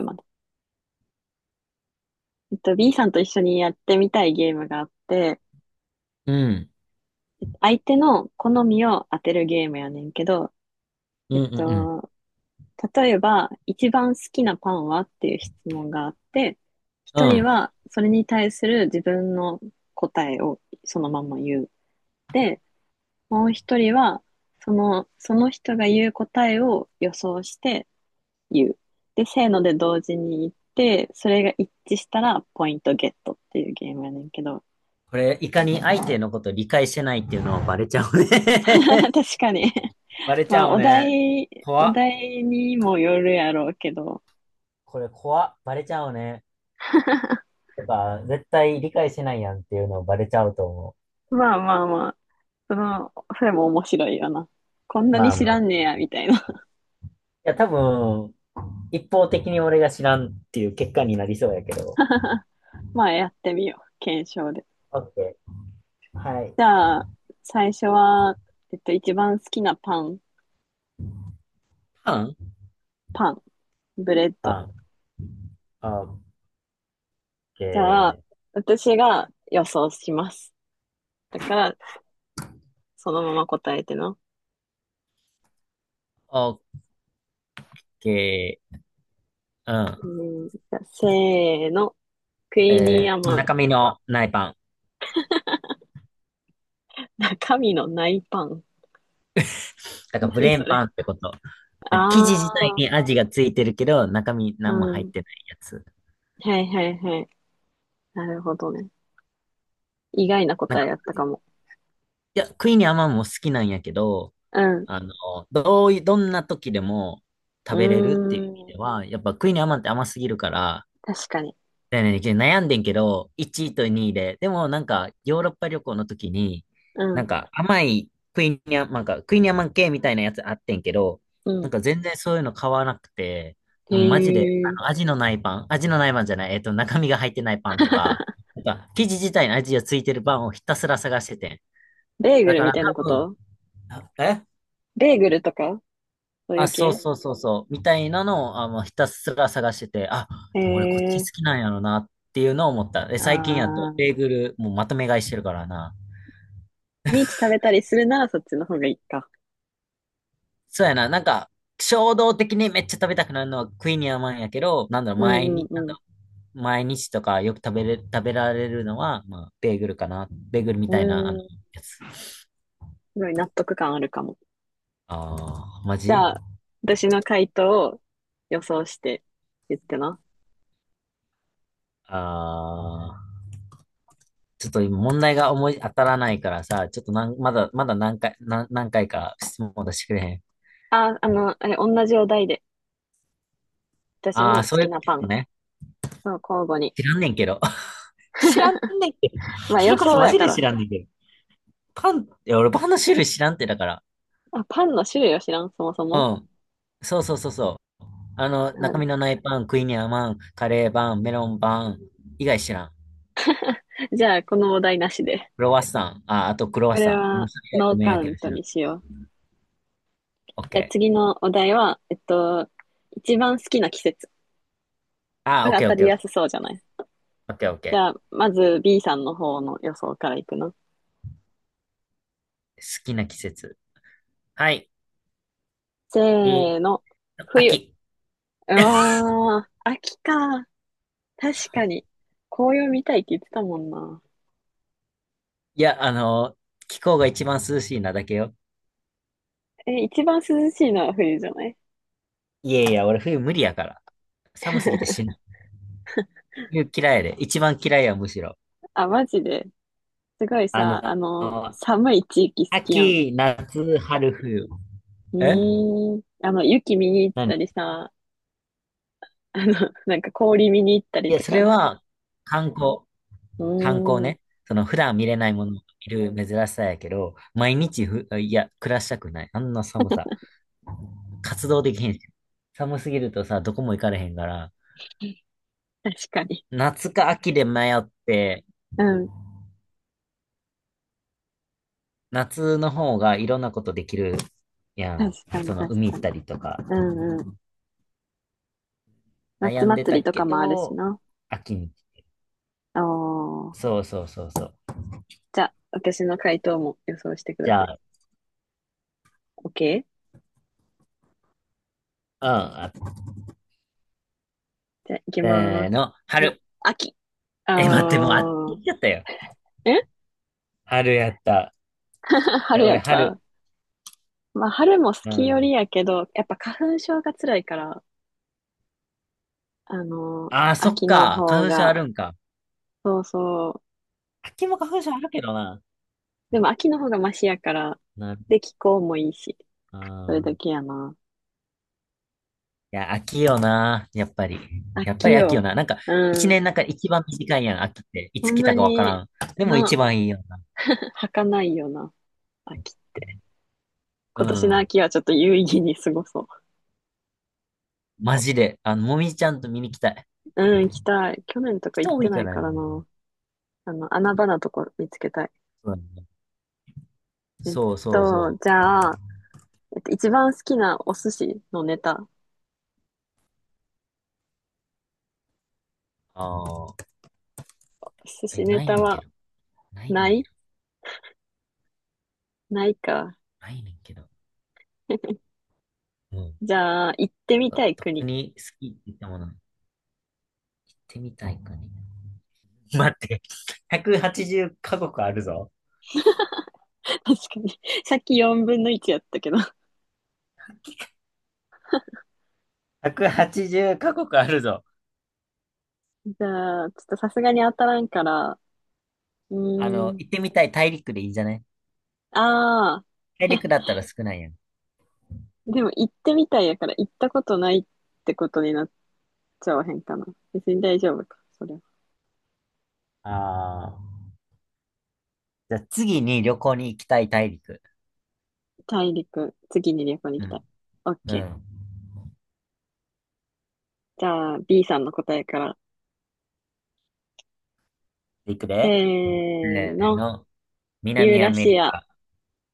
まで。B さんと一緒にやってみたいゲームがあって、うん。相手の好みを当てるゲームやねんけど、うえっんうんうと、例えば、一番好きなパンはっていう質問があって、一ん。うん。人はそれに対する自分の答えをそのまま言う。で、もう一人は、その人が言う答えを予想して言う。で、せーので同時に言って、それが一致したらポイントゲットっていうゲームやねんけど。これ、いかに相手のこと理解してないっていうのはバレちゃうね。 確かに。バレちまゃあ、うね。お怖っ。題にもよるやろうけど、これ怖っ。バレちゃうね。とか、絶対理解してないやんっていうのをバレちゃうと思まあまあまあ、その、それも面白いよな。こんう。なにまあ知まあ。らんねいや、みたいな。や、多分、一方的に俺が知らんっていう結果になりそうやけど。まあ、やってみよう。検証で。オッケー。はい。じゃあ、最初は、一番好きなパン、パンパン、ブレッパド。ン。オッケじゃあ、ー。私が予想します。だから、そのまま答えての。オッケー。ううん。ん、じゃあせーの。クイニーアマン。中身のないパン。神の内パン。だからブ何レーそンパンれ。ってこと。なんか生あ地自体にー、味がついてるけど、中身う何も入っん。てないやつ。はいはいはい。なるほどね。意外ななん答か、えやったいかも。や、クイニーアマンも好きなんやけど、うん。あの、どうい、どんな時でもう食べれるっていう意味ーん。では、やっぱクイニーアマンって甘すぎるから、確かに。だよね、悩んでんけど、1位と2位で、でもなんか、ヨーロッパ旅行の時に、うなんん。か甘いクイニャ、なんかクイニャマン系みたいなやつあってんけど、うなん。んか全然そういうの買わなくて、へでもマジで、え。味のないパン、味のないパンじゃない、中身が入ってないパンとか、なんか、生地自体の味がついてるパンをひたすら探しててん。ベーグだルかみらたいな多こ分、と、えベーグルとかそういあ、うそう系？そうそうそう、みたいなのを、あ、もうひたすら探してて、あ、へでも俺こっち好え。きなんやろなっていうのを思った。で、最近やと、あベー。ーグル、もうまとめ買いしてるからな。毎日食べたりするならそっちの方がいいか。そうやな、なんか、衝動的にめっちゃ食べたくなるのはクイニーアマンやけど、なんだろう、う毎ん日、うなんんだうろう、毎日とかよく食べられるのは、まあ、ベーグルかな。ベーグルみん。たいな、あの、うーん。やつ。すごい納得感あるかも。ああ、マじゃジ。あ、私の回答を予想して言ってな。ああー、ちょっと今問題が思い当たらないからさ、ちょっとまだ何回か質問出してくれへん？あ、あれ、同じお題で。私あのあ、好そういきうこなパとン。ね。そう、交互に。知らんねんけど。知らんねんけど。ま あそ予れこそ想マやジかで知ら。らんねんけど。パン、いや、俺パンの種類知らんってだから。あ、パンの種類を知らん、そもそうも。ん。そうそうそうそう。あの、中あ、身のないパン、クイニャマン、カレーパン、メロンパン、以外知らん。じゃあ、このお題なしで。クロワッサン、あ、あとクロワこッれサン。うん、は、それ以外ノごーめんカやウけンどト知らにん。しよう。オッじゃあ、ケ次ー。のお題は、一番好きな季節。こあ、れオッ当ケーオたッケりーオッやケすー。そうじゃない？オッケーオッじケゃあ、まず B さんの方の予想からいくの？ー。好きな季節。はい。えーせーの、冬。秋。ああ、秋か。確かに。紅葉見たいって言ってたもんな。いや、あの、気候が一番涼しいなだけよ。え、一番涼しいのは冬じゃない？ いやいや、俺冬無理やから。寒すぎて 死ぬ。冬嫌いやで。一番嫌いや、むしろ。あ、マジで。すごいあさ、あの、の、寒い地域好きやん。秋、夏、春、冬。うえ、ーん。あの、雪見に行ったり何。さ、あの、なんか氷見に行ったりいや、とそれか。は観光。う観光ーん。ね。その普段見れないものを見る珍しさやけど、毎日ふ、いや、暮らしたくない。あんな寒さ。活動できへんし。寒すぎるとさ、どこも行かれへんから、確かに。夏か秋で迷って、うん。夏の方がいろんなことできるや確ん。かに、その確海か行っに。たりとか。うんうん。夏悩んで祭たりとけかもあるしど、な。秋に。おー。そうそうそうそう。じゃあ、私の回答も予想してくじだゃさい。あ、OK？ うん、じゃあ、行きせまーす。の、ま、春。秋。あえ、待って、もうあっち行っちー。ゃったよ。え？ 春やった。え、春や俺、った。春。まあ、春も好うきよりん。やけど、やっぱ花粉症が辛いから、ああ、そっ秋のか。方花粉症あが、るんか？そうそう。秋も花粉症あるけどな。でも秋の方がマシやから、なる。で、気候もいいし、そあれー、だけやな。いや、秋よな。やっぱり。やっぱ秋り秋よよ。な。なんか、一うん。年なんか一番短いやん、秋って。いほつん来またかわかに、らん。でも一な、番いいよ 儚いよな、秋。な。う今年のん。秋はちょっと有意義に過ごそマジで。あの、もみじちゃんと見に来たい。う。うん、行きたい。去年とか行人っ多ていなかいらかね。らな。あの、穴場なとこ見つけたい。そうだね、えっそうそうそじう。ゃあ、一番好きなお寿司のネタ。ああ、寿司ネないタねんけは、ど。ないねなんけい？ど。ないか。ないねんけど。うん。じゃあ、行ってみたい特国。に好きって言ったもの、行ってみたいかね。待って、180カ国あるぞ。確かに。さっき4分の1やったけど。180カ国あるぞ。じゃあ、ちょっとさすがに当たらんから、うあーの、ん。行ってみたい大陸でいいじゃない？ああ、大陸だったら少ないやん。でも行ってみたいやから行ったことないってことになっちゃわへんかな。別に大丈夫か、それは。ああ。じゃあ次に旅行に行きたい大陸。大陸、次に旅行に行うきたい。ん。オッうケー。ん。じゃあ、B さんの答えから。いくせでーせーの、の、ユー南アラメシリア。カ。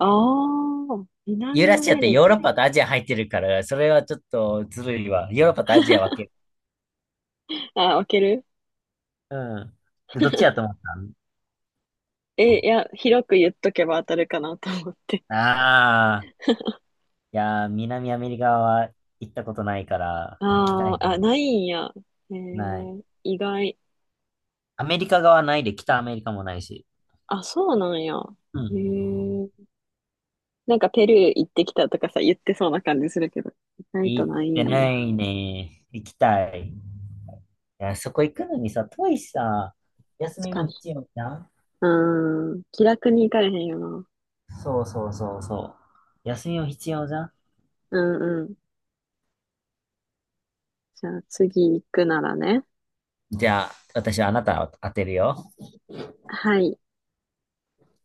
おー、ユー南ラアシアっメてリヨーカロッの。パとアジア入ってるから、それはちょっとずるいわ。ヨーロッパとアジア分ける。あ置ける。うん。でどっちやと思った？え、いや、広く言っとけば当たるかなと思って。あいやー、南アメリカは行ったことないから、行きたあいね。ー、あ、ないんや。えない。ー、意外。アメリカ側ないで、北アメリカもないし。あ、そうなんや。うへん。え。なんかペルー行ってきたとかさ、言ってそうな感じするけど、意外と行なっいてんなや。いね。行きたい。いや、そこ行くのにさ、遠いしさ、休確みかもに。必要じゃん。うーん。気楽に行かれへんよな。そうそうそうそう。休みも必要じゃん。うんうん。じゃあ次行くならね。じゃあ、私はあなたを当てるよ。はい。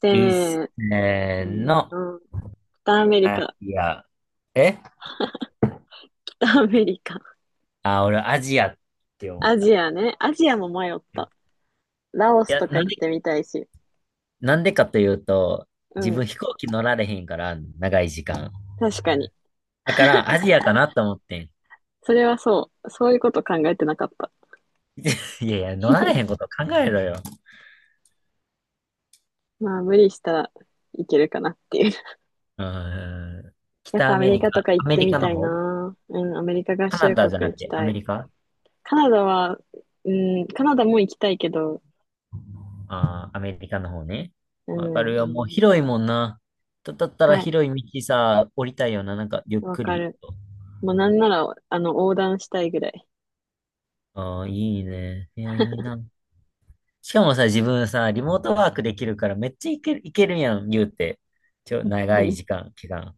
せいっせーーの、の。北アメリアカ。ジア。え北アメリカ。あ、俺アジアって思っアた。ジアね。アジアも迷った。ラオいスや、とかなん行っでてみたいし。なんでかというと、う自ん。分飛行機乗られへんから、長い時間。確かに。だから、アジアかなと思ってん。それはそう。そういうこと考えてなかった。いやいや、乗られへんこと考えろよ。まあ、無理したらいけるかなっていう。うーん。やっ北ぱアアメメリリカとカ、か行アっメてリみカたのい方。な。うん、アメリカ合カナ衆ダじゃ国な行くきて、アたメい。リカ？カナダは、うん、カナダも行きたいけど、あー、アメリカの方ね。うわかるん、よ。アメもうリカ。広いも行んな。だっきたらたい。広い道さ、降りたいよな。なんか、ゆっわくかり。る。もうなんなら、あの、横断したいぐらい。ああ、いいね。いや、いいな。しかもさ、自分さ、リモートワークできるから、めっちゃいける、いけるやん、言うて。長い時 間、期間。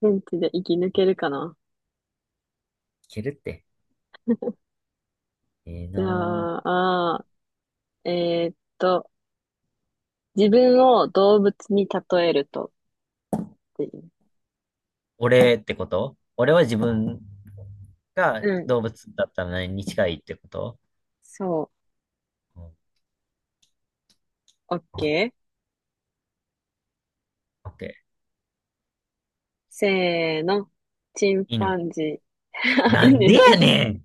現地で生き抜けるかな。けるって。ええじゃなぁ。あ、ーえーっと、自分を動物に例えるとっていう。俺ってこと？俺は自分がうん、動物だったら何に近いってこと？そうん。オう。オッケー。ッケー。せーの。チンパ犬。ンジー。あ、ないいんね。でやねん。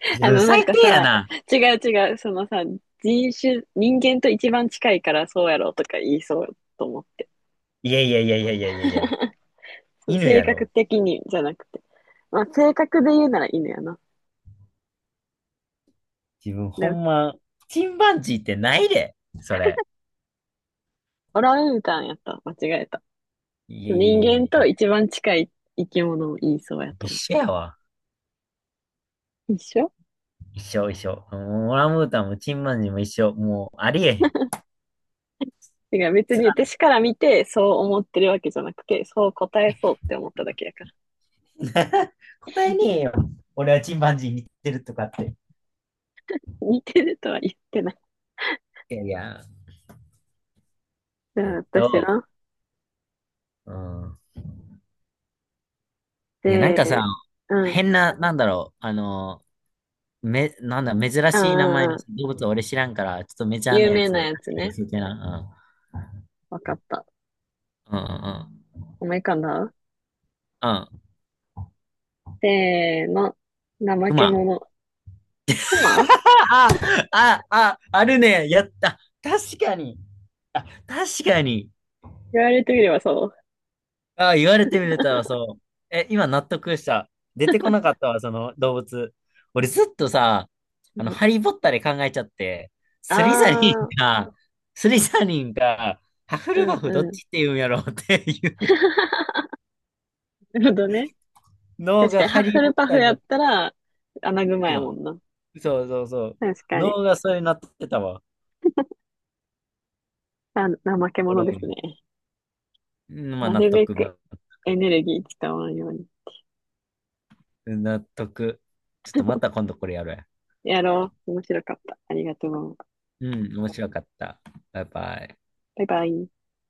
自あ分の、なん最か低やさ、な。違う違う、そのさ、人種、人間と一番近いからそうやろとか言いそうと思って。いやいやいやいやいやいやいや。その犬性や格ろ。的にじゃなくて。まあ、性格で言うなら犬やな。自分ほでも、んま、チンパンジーってないで。それ。オランウータンやった。間違えた。いやいや人いやいや。間と一番近い生き物を言いそうや一と思緒やわ。う。一緒。一緒一緒。もうオランウータンもチンパンジーも一緒。もうありえへん。てか別つにらい。私から見てそう思ってるわけじゃなくて、そう答えそうって思っただけやから。答えねえよ。俺はチンパンジー見てるとかって。似てるとは言ってない。いやいや。うえんっ私と。の。うん。いや、なんかさ、で、うん。変な、なんだろう、なんだ、珍うんしい名う前のんうん。動物は俺知らんから、ちょっとメジャーな有や名なつ、やつ寄ね。せてな。わかった。うん。うんうん思い浮かんだ？うん。うん。せーの。怠クけマ。者。熊？ああ、ああ、あるね。やった。確かに。あ、確かに。言われてみればそう。ああ、言われてみれたわ、そう。え、今納得した。出てこなかったわ、その動物。俺ずっとさ、うあの、ん、ハリー・ポッターで考えちゃって、あスリザリンー、か、スリザリンか、ハフうルんバフどっうん。ちって言うんやろうっていう なるほどね。脳確かがに、ハハッリフー・ポルッパターフにやなっって。たら、穴熊くやもま。んな。そうそうそう。確かに。脳がそれになってたわ。あ、怠けお者もろでいすね。ね。うん、まあな納るべ得、く納エ得。ネルギー使わんように。納得。ちょっとまた今度これやるわ。やろう。面白かった。ありがとう。うん、面白かった。バイバイ。バイバイ。